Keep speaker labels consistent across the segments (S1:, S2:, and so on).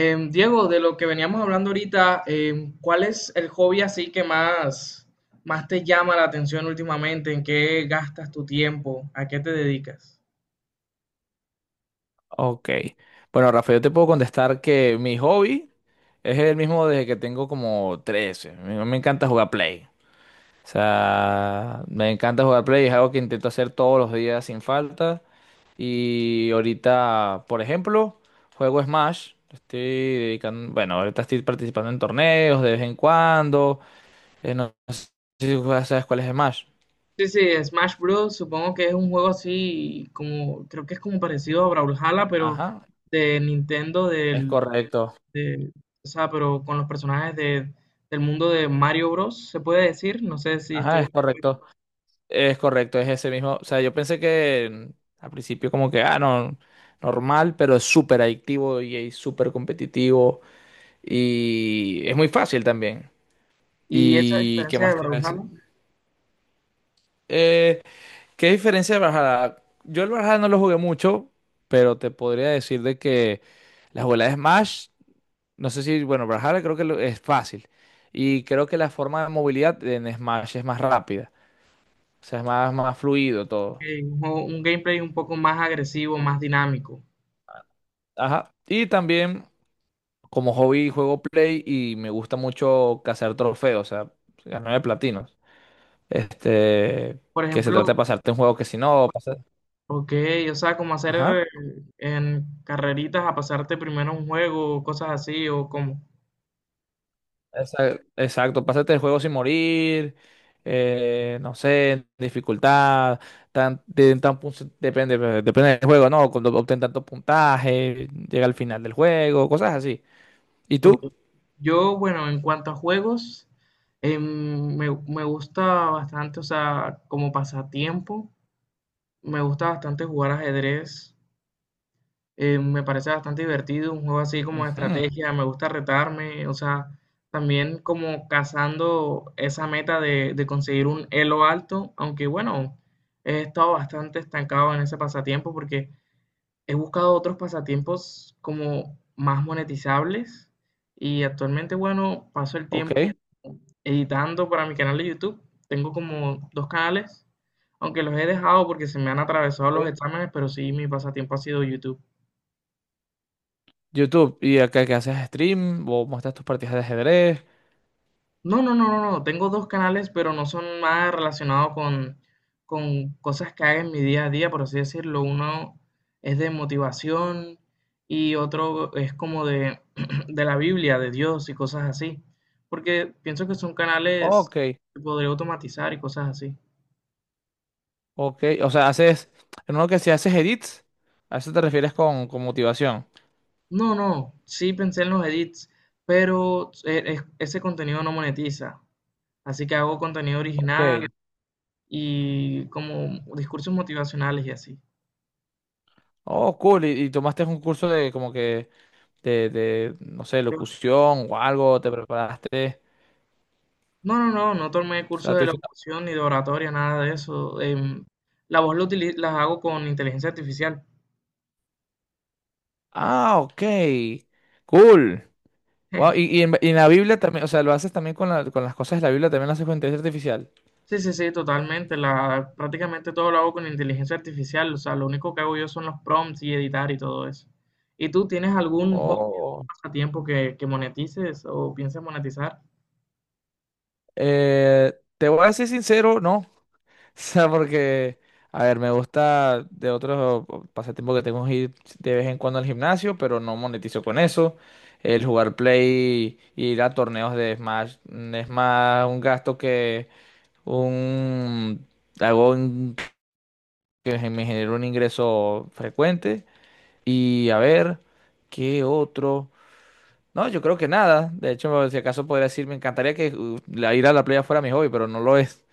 S1: Diego, de lo que veníamos hablando ahorita, ¿cuál es el hobby así que más te llama la atención últimamente? ¿En qué gastas tu tiempo? ¿A qué te dedicas?
S2: Ok. Bueno, Rafael, yo te puedo contestar que mi hobby es el mismo desde que tengo como 13. Me encanta jugar Play. O sea, me encanta jugar Play. Es algo que intento hacer todos los días sin falta. Y ahorita, por ejemplo, juego Smash. Estoy dedicando, bueno, ahorita estoy participando en torneos de vez en cuando. No sé si juegas- sabes cuál es Smash.
S1: Sí, sí, Smash Bros. Supongo que es un juego así como, creo que es como parecido a Brawlhalla, pero
S2: Ajá,
S1: de Nintendo,
S2: es correcto.
S1: de, o sea, pero con los personajes del mundo de Mario Bros. Se puede decir, no sé si
S2: Ajá, es
S1: estoy.
S2: correcto. Es correcto, es ese mismo. O sea, yo pensé que al principio como que, ah, no, normal, pero es súper adictivo y es súper competitivo y es muy fácil también.
S1: Y esa
S2: ¿Y qué
S1: diferencia
S2: más
S1: de
S2: te iba a decir?
S1: Brawlhalla,
S2: Eh, ¿Qué diferencia de Brawlhalla? Yo el Brawlhalla no lo jugué mucho, pero te podría decir de que la jugabilidad de Smash, no sé si, bueno, Brawlhalla creo que lo- es fácil y creo que la forma de movilidad en Smash es más rápida, o sea, es más, más fluido todo.
S1: que es un gameplay un poco más agresivo, más dinámico.
S2: Ajá. Y también, como hobby juego Play y me gusta mucho cazar trofeos, o sea, ganar de platinos. Este,
S1: Por
S2: que se trata de
S1: ejemplo,
S2: pasarte un juego que si no, pasa-
S1: ok, o sea, como hacer
S2: ajá,
S1: en carreritas a pasarte primero un juego, o cosas así, o como.
S2: esa- exacto, pásate el juego sin morir, no sé, dificultad, tan, de- tan pun- depende, depende del juego, ¿no? Cuando obtén tanto puntaje, llega al final del juego, cosas así. ¿Y tú?
S1: Ok. Yo, bueno, en cuanto a juegos, me gusta bastante, o sea, como pasatiempo, me gusta bastante jugar ajedrez. Me parece bastante divertido, un juego así como de
S2: Ujú.
S1: estrategia, me gusta retarme, o sea, también como cazando esa meta de conseguir un elo alto, aunque bueno, he estado bastante estancado en ese pasatiempo porque he buscado otros pasatiempos como más monetizables y actualmente, bueno, paso el
S2: Ok.
S1: tiempo editando para mi canal de YouTube. Tengo como dos canales, aunque los he dejado porque se me han atravesado
S2: Ok.
S1: los exámenes, pero sí, mi pasatiempo ha sido YouTube.
S2: YouTube, ¿y acá que haces stream o muestras tus partidas de ajedrez?
S1: No, no, no, no, no. Tengo dos canales, pero no son nada relacionados con cosas que haga en mi día a día, por así decirlo. Uno es de motivación y otro es como de la Biblia, de Dios y cosas así. Porque pienso que son canales
S2: Ok.
S1: que podría automatizar y cosas así.
S2: Ok, o sea, haces, en uno que si haces edits, a eso te refieres con motivación.
S1: No, no, sí pensé en los edits, pero ese contenido no monetiza. Así que hago contenido original
S2: Ok.
S1: y como discursos motivacionales y así.
S2: Oh, cool. Y tomaste un curso de como que de, no sé, locución o algo, te preparaste.
S1: No, no, no, no tomé
S2: O
S1: cursos
S2: sea,
S1: de
S2: tú dices,
S1: locución ni de oratoria, nada de eso. La voz la utili- la hago con inteligencia artificial.
S2: ah, ok. Cool. Wow, y, y en la Biblia también, o sea, lo haces también con, la- con las cosas de la Biblia, también lo haces con inteligencia artificial.
S1: Sí, sí, sí, totalmente. La, prácticamente todo lo hago con inteligencia artificial. O sea, lo único que hago yo son los prompts y editar y todo eso. ¿Y tú tienes algún hobby
S2: Oh.
S1: pasatiempo que monetices o piensas monetizar?
S2: Eh, Te voy a decir sincero, no. O sea, porque, a ver, me gusta de otros pasatiempos que tengo es ir de vez en cuando al gimnasio, pero no monetizo con eso. El jugar Play, y ir a torneos de Smash, mm, es más un gasto que un... Hago un- que me genera un ingreso frecuente. Y a ver, ¿qué otro? No, yo creo que nada. De hecho, si acaso podría decir, me encantaría que la- ir a la playa fuera mi hobby, pero no lo es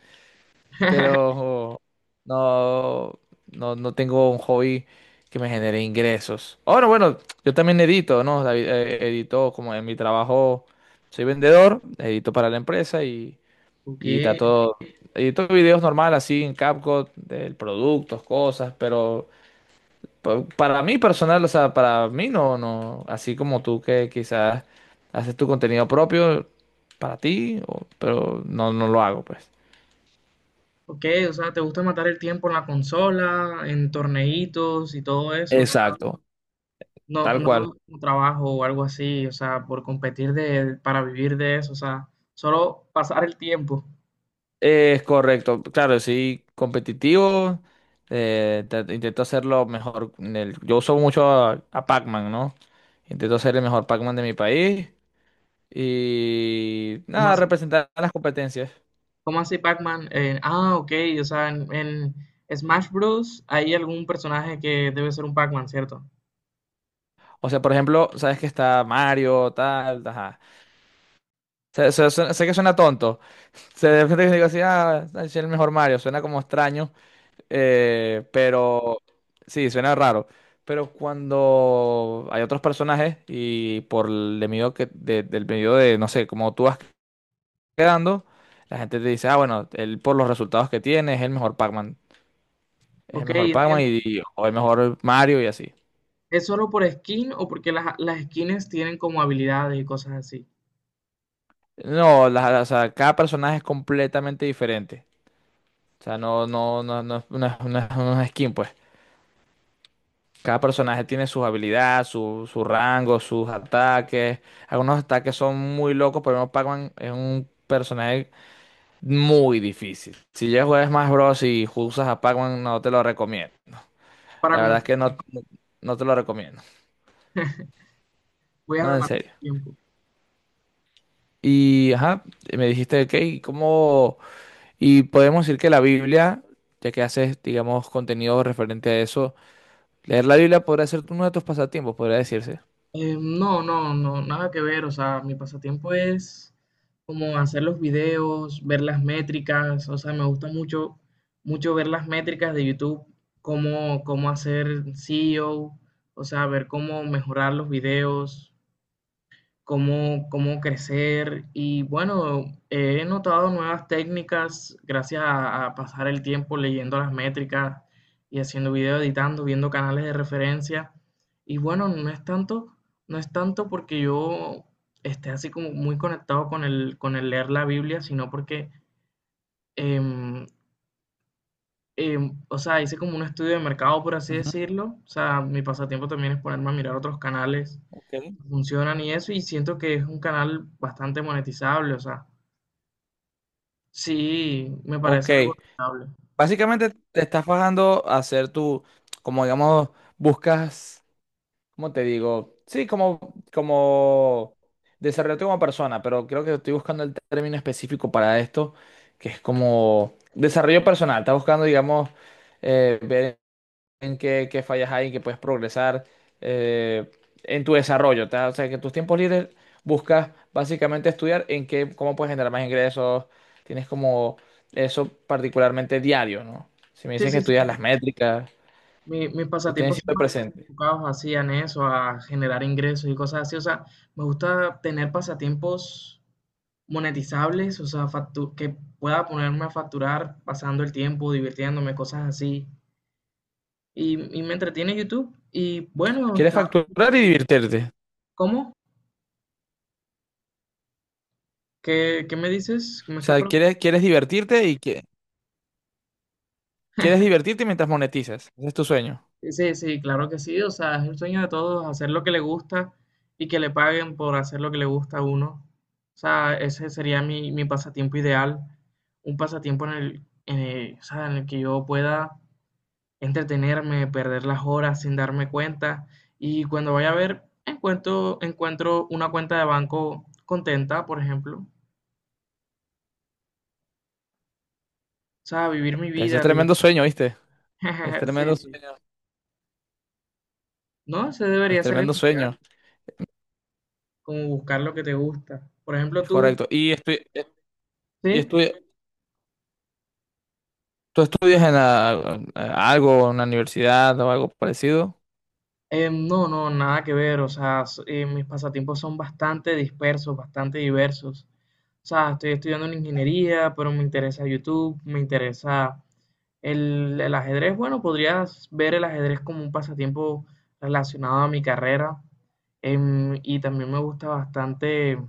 S2: pero no, no, no tengo un hobby que me genere ingresos. Ahora, bueno, yo también edito, ¿no? David, edito como en mi trabajo, soy vendedor, edito para la empresa
S1: Ok,
S2: y trato, edito videos normal así en CapCut, de productos, cosas, pero pa- para mí personal, o sea, para mí no, no, así como tú que quizás haces tu contenido propio para ti, o- pero no, no lo hago, pues.
S1: ok, o sea, ¿te gusta matar el tiempo en la consola, en torneitos y todo eso?
S2: Exacto,
S1: No,
S2: tal
S1: no
S2: cual.
S1: como trabajo o algo así, o sea, por competir para vivir de eso, o sea, solo pasar el tiempo.
S2: Es correcto, claro, sí, competitivo. Te- intento hacerlo mejor. En el- yo uso mucho a Pac-Man, ¿no? Intento ser el mejor Pac-Man de mi país y
S1: ¿Cómo
S2: nada,
S1: así,
S2: representar a las competencias.
S1: ¿Cómo así Pac-Man? Ok, o sea, en Smash Bros. Hay algún personaje que debe ser un Pac-Man, ¿cierto?
S2: O sea, por ejemplo, sabes que está Mario, tal, ajá. Sé que suena tonto. Se de repente digo así, ah, soy el mejor Mario, suena como extraño. Pero sí, suena raro. Pero cuando hay otros personajes y por el de medio que, de- del medio de, no sé, como tú vas quedando, la gente te dice, ah, bueno, él por los resultados que tiene es el mejor Pac-Man. Es el
S1: Ok,
S2: mejor Pac-Man
S1: entiendo.
S2: y- o el mejor Mario y así.
S1: ¿Es solo por skin o porque las skins tienen como habilidades y cosas así?
S2: No, la- la- o sea, cada personaje es completamente diferente. O sea, no, no, no, no, no es- no, es no es- no skin, pues. Cada personaje tiene sus habilidades, su rango, sus ataques. Algunos ataques son muy locos, pero no Pac-Man es un personaje muy difícil. Si ya juegas Smash Bros. Y usas a Pac-Man, no te lo recomiendo.
S1: Para
S2: La verdad es
S1: comenzar,
S2: que no, no te lo recomiendo.
S1: voy a
S2: No, en
S1: matar
S2: serio.
S1: el tiempo.
S2: Y ajá, me dijiste, ok, ¿y ¿cómo? Y podemos decir que la Biblia, ya que haces, digamos, contenido referente a eso, leer la Biblia podría ser uno de tus pasatiempos, podría decirse.
S1: No, no, no, nada que ver. O sea, mi pasatiempo es como hacer los videos, ver las métricas. O sea, me gusta mucho ver las métricas de YouTube, cómo hacer SEO, o sea, ver cómo mejorar los videos cómo crecer. Y bueno, he notado nuevas técnicas gracias a pasar el tiempo leyendo las métricas y haciendo video, editando, viendo canales de referencia. Y bueno, no es tanto porque yo esté así como muy conectado con con el leer la Biblia, sino porque, em, o sea, hice como un estudio de mercado, por así
S2: Ujú.
S1: decirlo. O sea, mi pasatiempo también es ponerme a mirar otros canales
S2: Ok.
S1: funcionan y eso, y siento que es un canal bastante monetizable, o sea, sí, me
S2: Ok,
S1: parece algo rentable.
S2: básicamente te estás bajando a hacer tu, como digamos, buscas, ¿cómo te digo? Sí, como, como desarrollarte como persona, pero creo que estoy buscando el término específico para esto, que es como desarrollo personal. Estás buscando, digamos, ver en qué, qué fallas hay, en qué puedes progresar eh, en tu desarrollo. ¿Tá? O sea, que en tus tiempos libres buscas básicamente estudiar en qué, cómo puedes generar más ingresos. Tienes como eso particularmente diario, ¿no? Si me
S1: Sí,
S2: dices que
S1: sí,
S2: estudias
S1: sí,
S2: las métricas,
S1: mis
S2: lo tienes
S1: pasatiempos son
S2: siempre
S1: más
S2: presente.
S1: enfocados así en eso, a generar ingresos y cosas así, o sea, me gusta tener pasatiempos monetizables, o sea, que pueda ponerme a facturar pasando el tiempo, divirtiéndome, cosas así, y me entretiene YouTube, y bueno,
S2: Quieres
S1: está bien,
S2: facturar
S1: pero
S2: y divertirte.
S1: ¿Cómo? Qué me dices? ¿Me
S2: O
S1: estás
S2: sea,
S1: preguntando?
S2: quieres, quieres divertirte y que, quieres divertirte mientras monetizas. Ese es tu sueño.
S1: Sí, sí, claro que sí. O sea, es el sueño de todos, hacer lo que le gusta y que le paguen por hacer lo que le gusta a uno. O sea, ese sería mi pasatiempo ideal. Un pasatiempo en o sea, en el que yo pueda entretenerme, perder las horas sin darme cuenta. Y cuando vaya a ver, encuentro una cuenta de banco contenta, por ejemplo. O sea, vivir mi
S2: Ese es
S1: vida,
S2: tremendo sueño, ¿viste? Es
S1: Sí,
S2: tremendo
S1: sí.
S2: sueño.
S1: No, ese
S2: Es
S1: debería ser el
S2: tremendo
S1: ideal,
S2: sueño.
S1: como buscar lo que te gusta. Por ejemplo,
S2: Es
S1: tú,
S2: correcto. Y
S1: ¿sí?
S2: estoy, ¿tú estudias en la- algo, en la universidad o algo parecido?
S1: No, no, nada que ver. O sea, mis pasatiempos son bastante dispersos, bastante diversos. O sea, estoy estudiando en ingeniería, pero me interesa YouTube, me interesa el ajedrez. Bueno, podrías ver el ajedrez como un pasatiempo relacionado a mi carrera. Y también me gusta bastante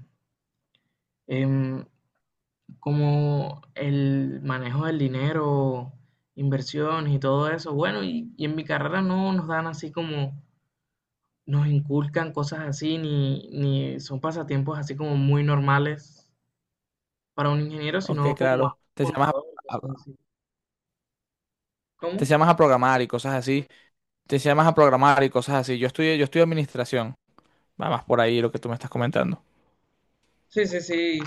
S1: em, como el manejo del dinero, inversiones y todo eso. Bueno, y en mi carrera no nos dan así como nos inculcan cosas así, ni son pasatiempos así como muy normales para un ingeniero,
S2: Ok,
S1: sino como más
S2: claro. Te llamas
S1: contador, cosas
S2: a-
S1: así.
S2: te
S1: ¿Cómo?
S2: llamas a programar y cosas así. Te llamas a programar y cosas así. Yo estudio administración. Va más por ahí lo que tú me estás comentando.
S1: Sí, sí, sí.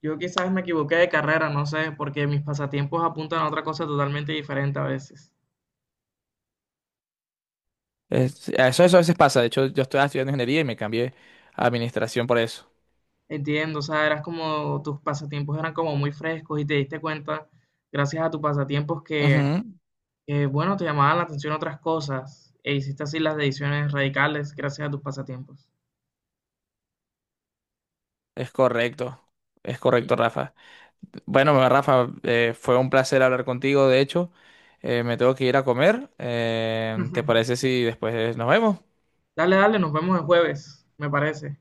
S1: Yo quizás me equivoqué de carrera, no sé, porque mis pasatiempos apuntan a otra cosa totalmente diferente a veces.
S2: Es- eso a veces pasa. De hecho, yo estoy estudiando ingeniería y me cambié a administración por eso.
S1: Entiendo, o sea, eras como, tus pasatiempos eran como muy frescos y te diste cuenta, gracias a tus pasatiempos,
S2: Ujú.
S1: que, bueno, te llamaban la atención otras cosas e hiciste así las decisiones radicales gracias a tus pasatiempos.
S2: Es correcto. Es correcto, Rafa. Bueno, Rafa, fue un placer hablar contigo. De hecho, me tengo que ir a comer. ¿Te parece si después nos vemos?
S1: Dale, dale, nos vemos el jueves, me parece.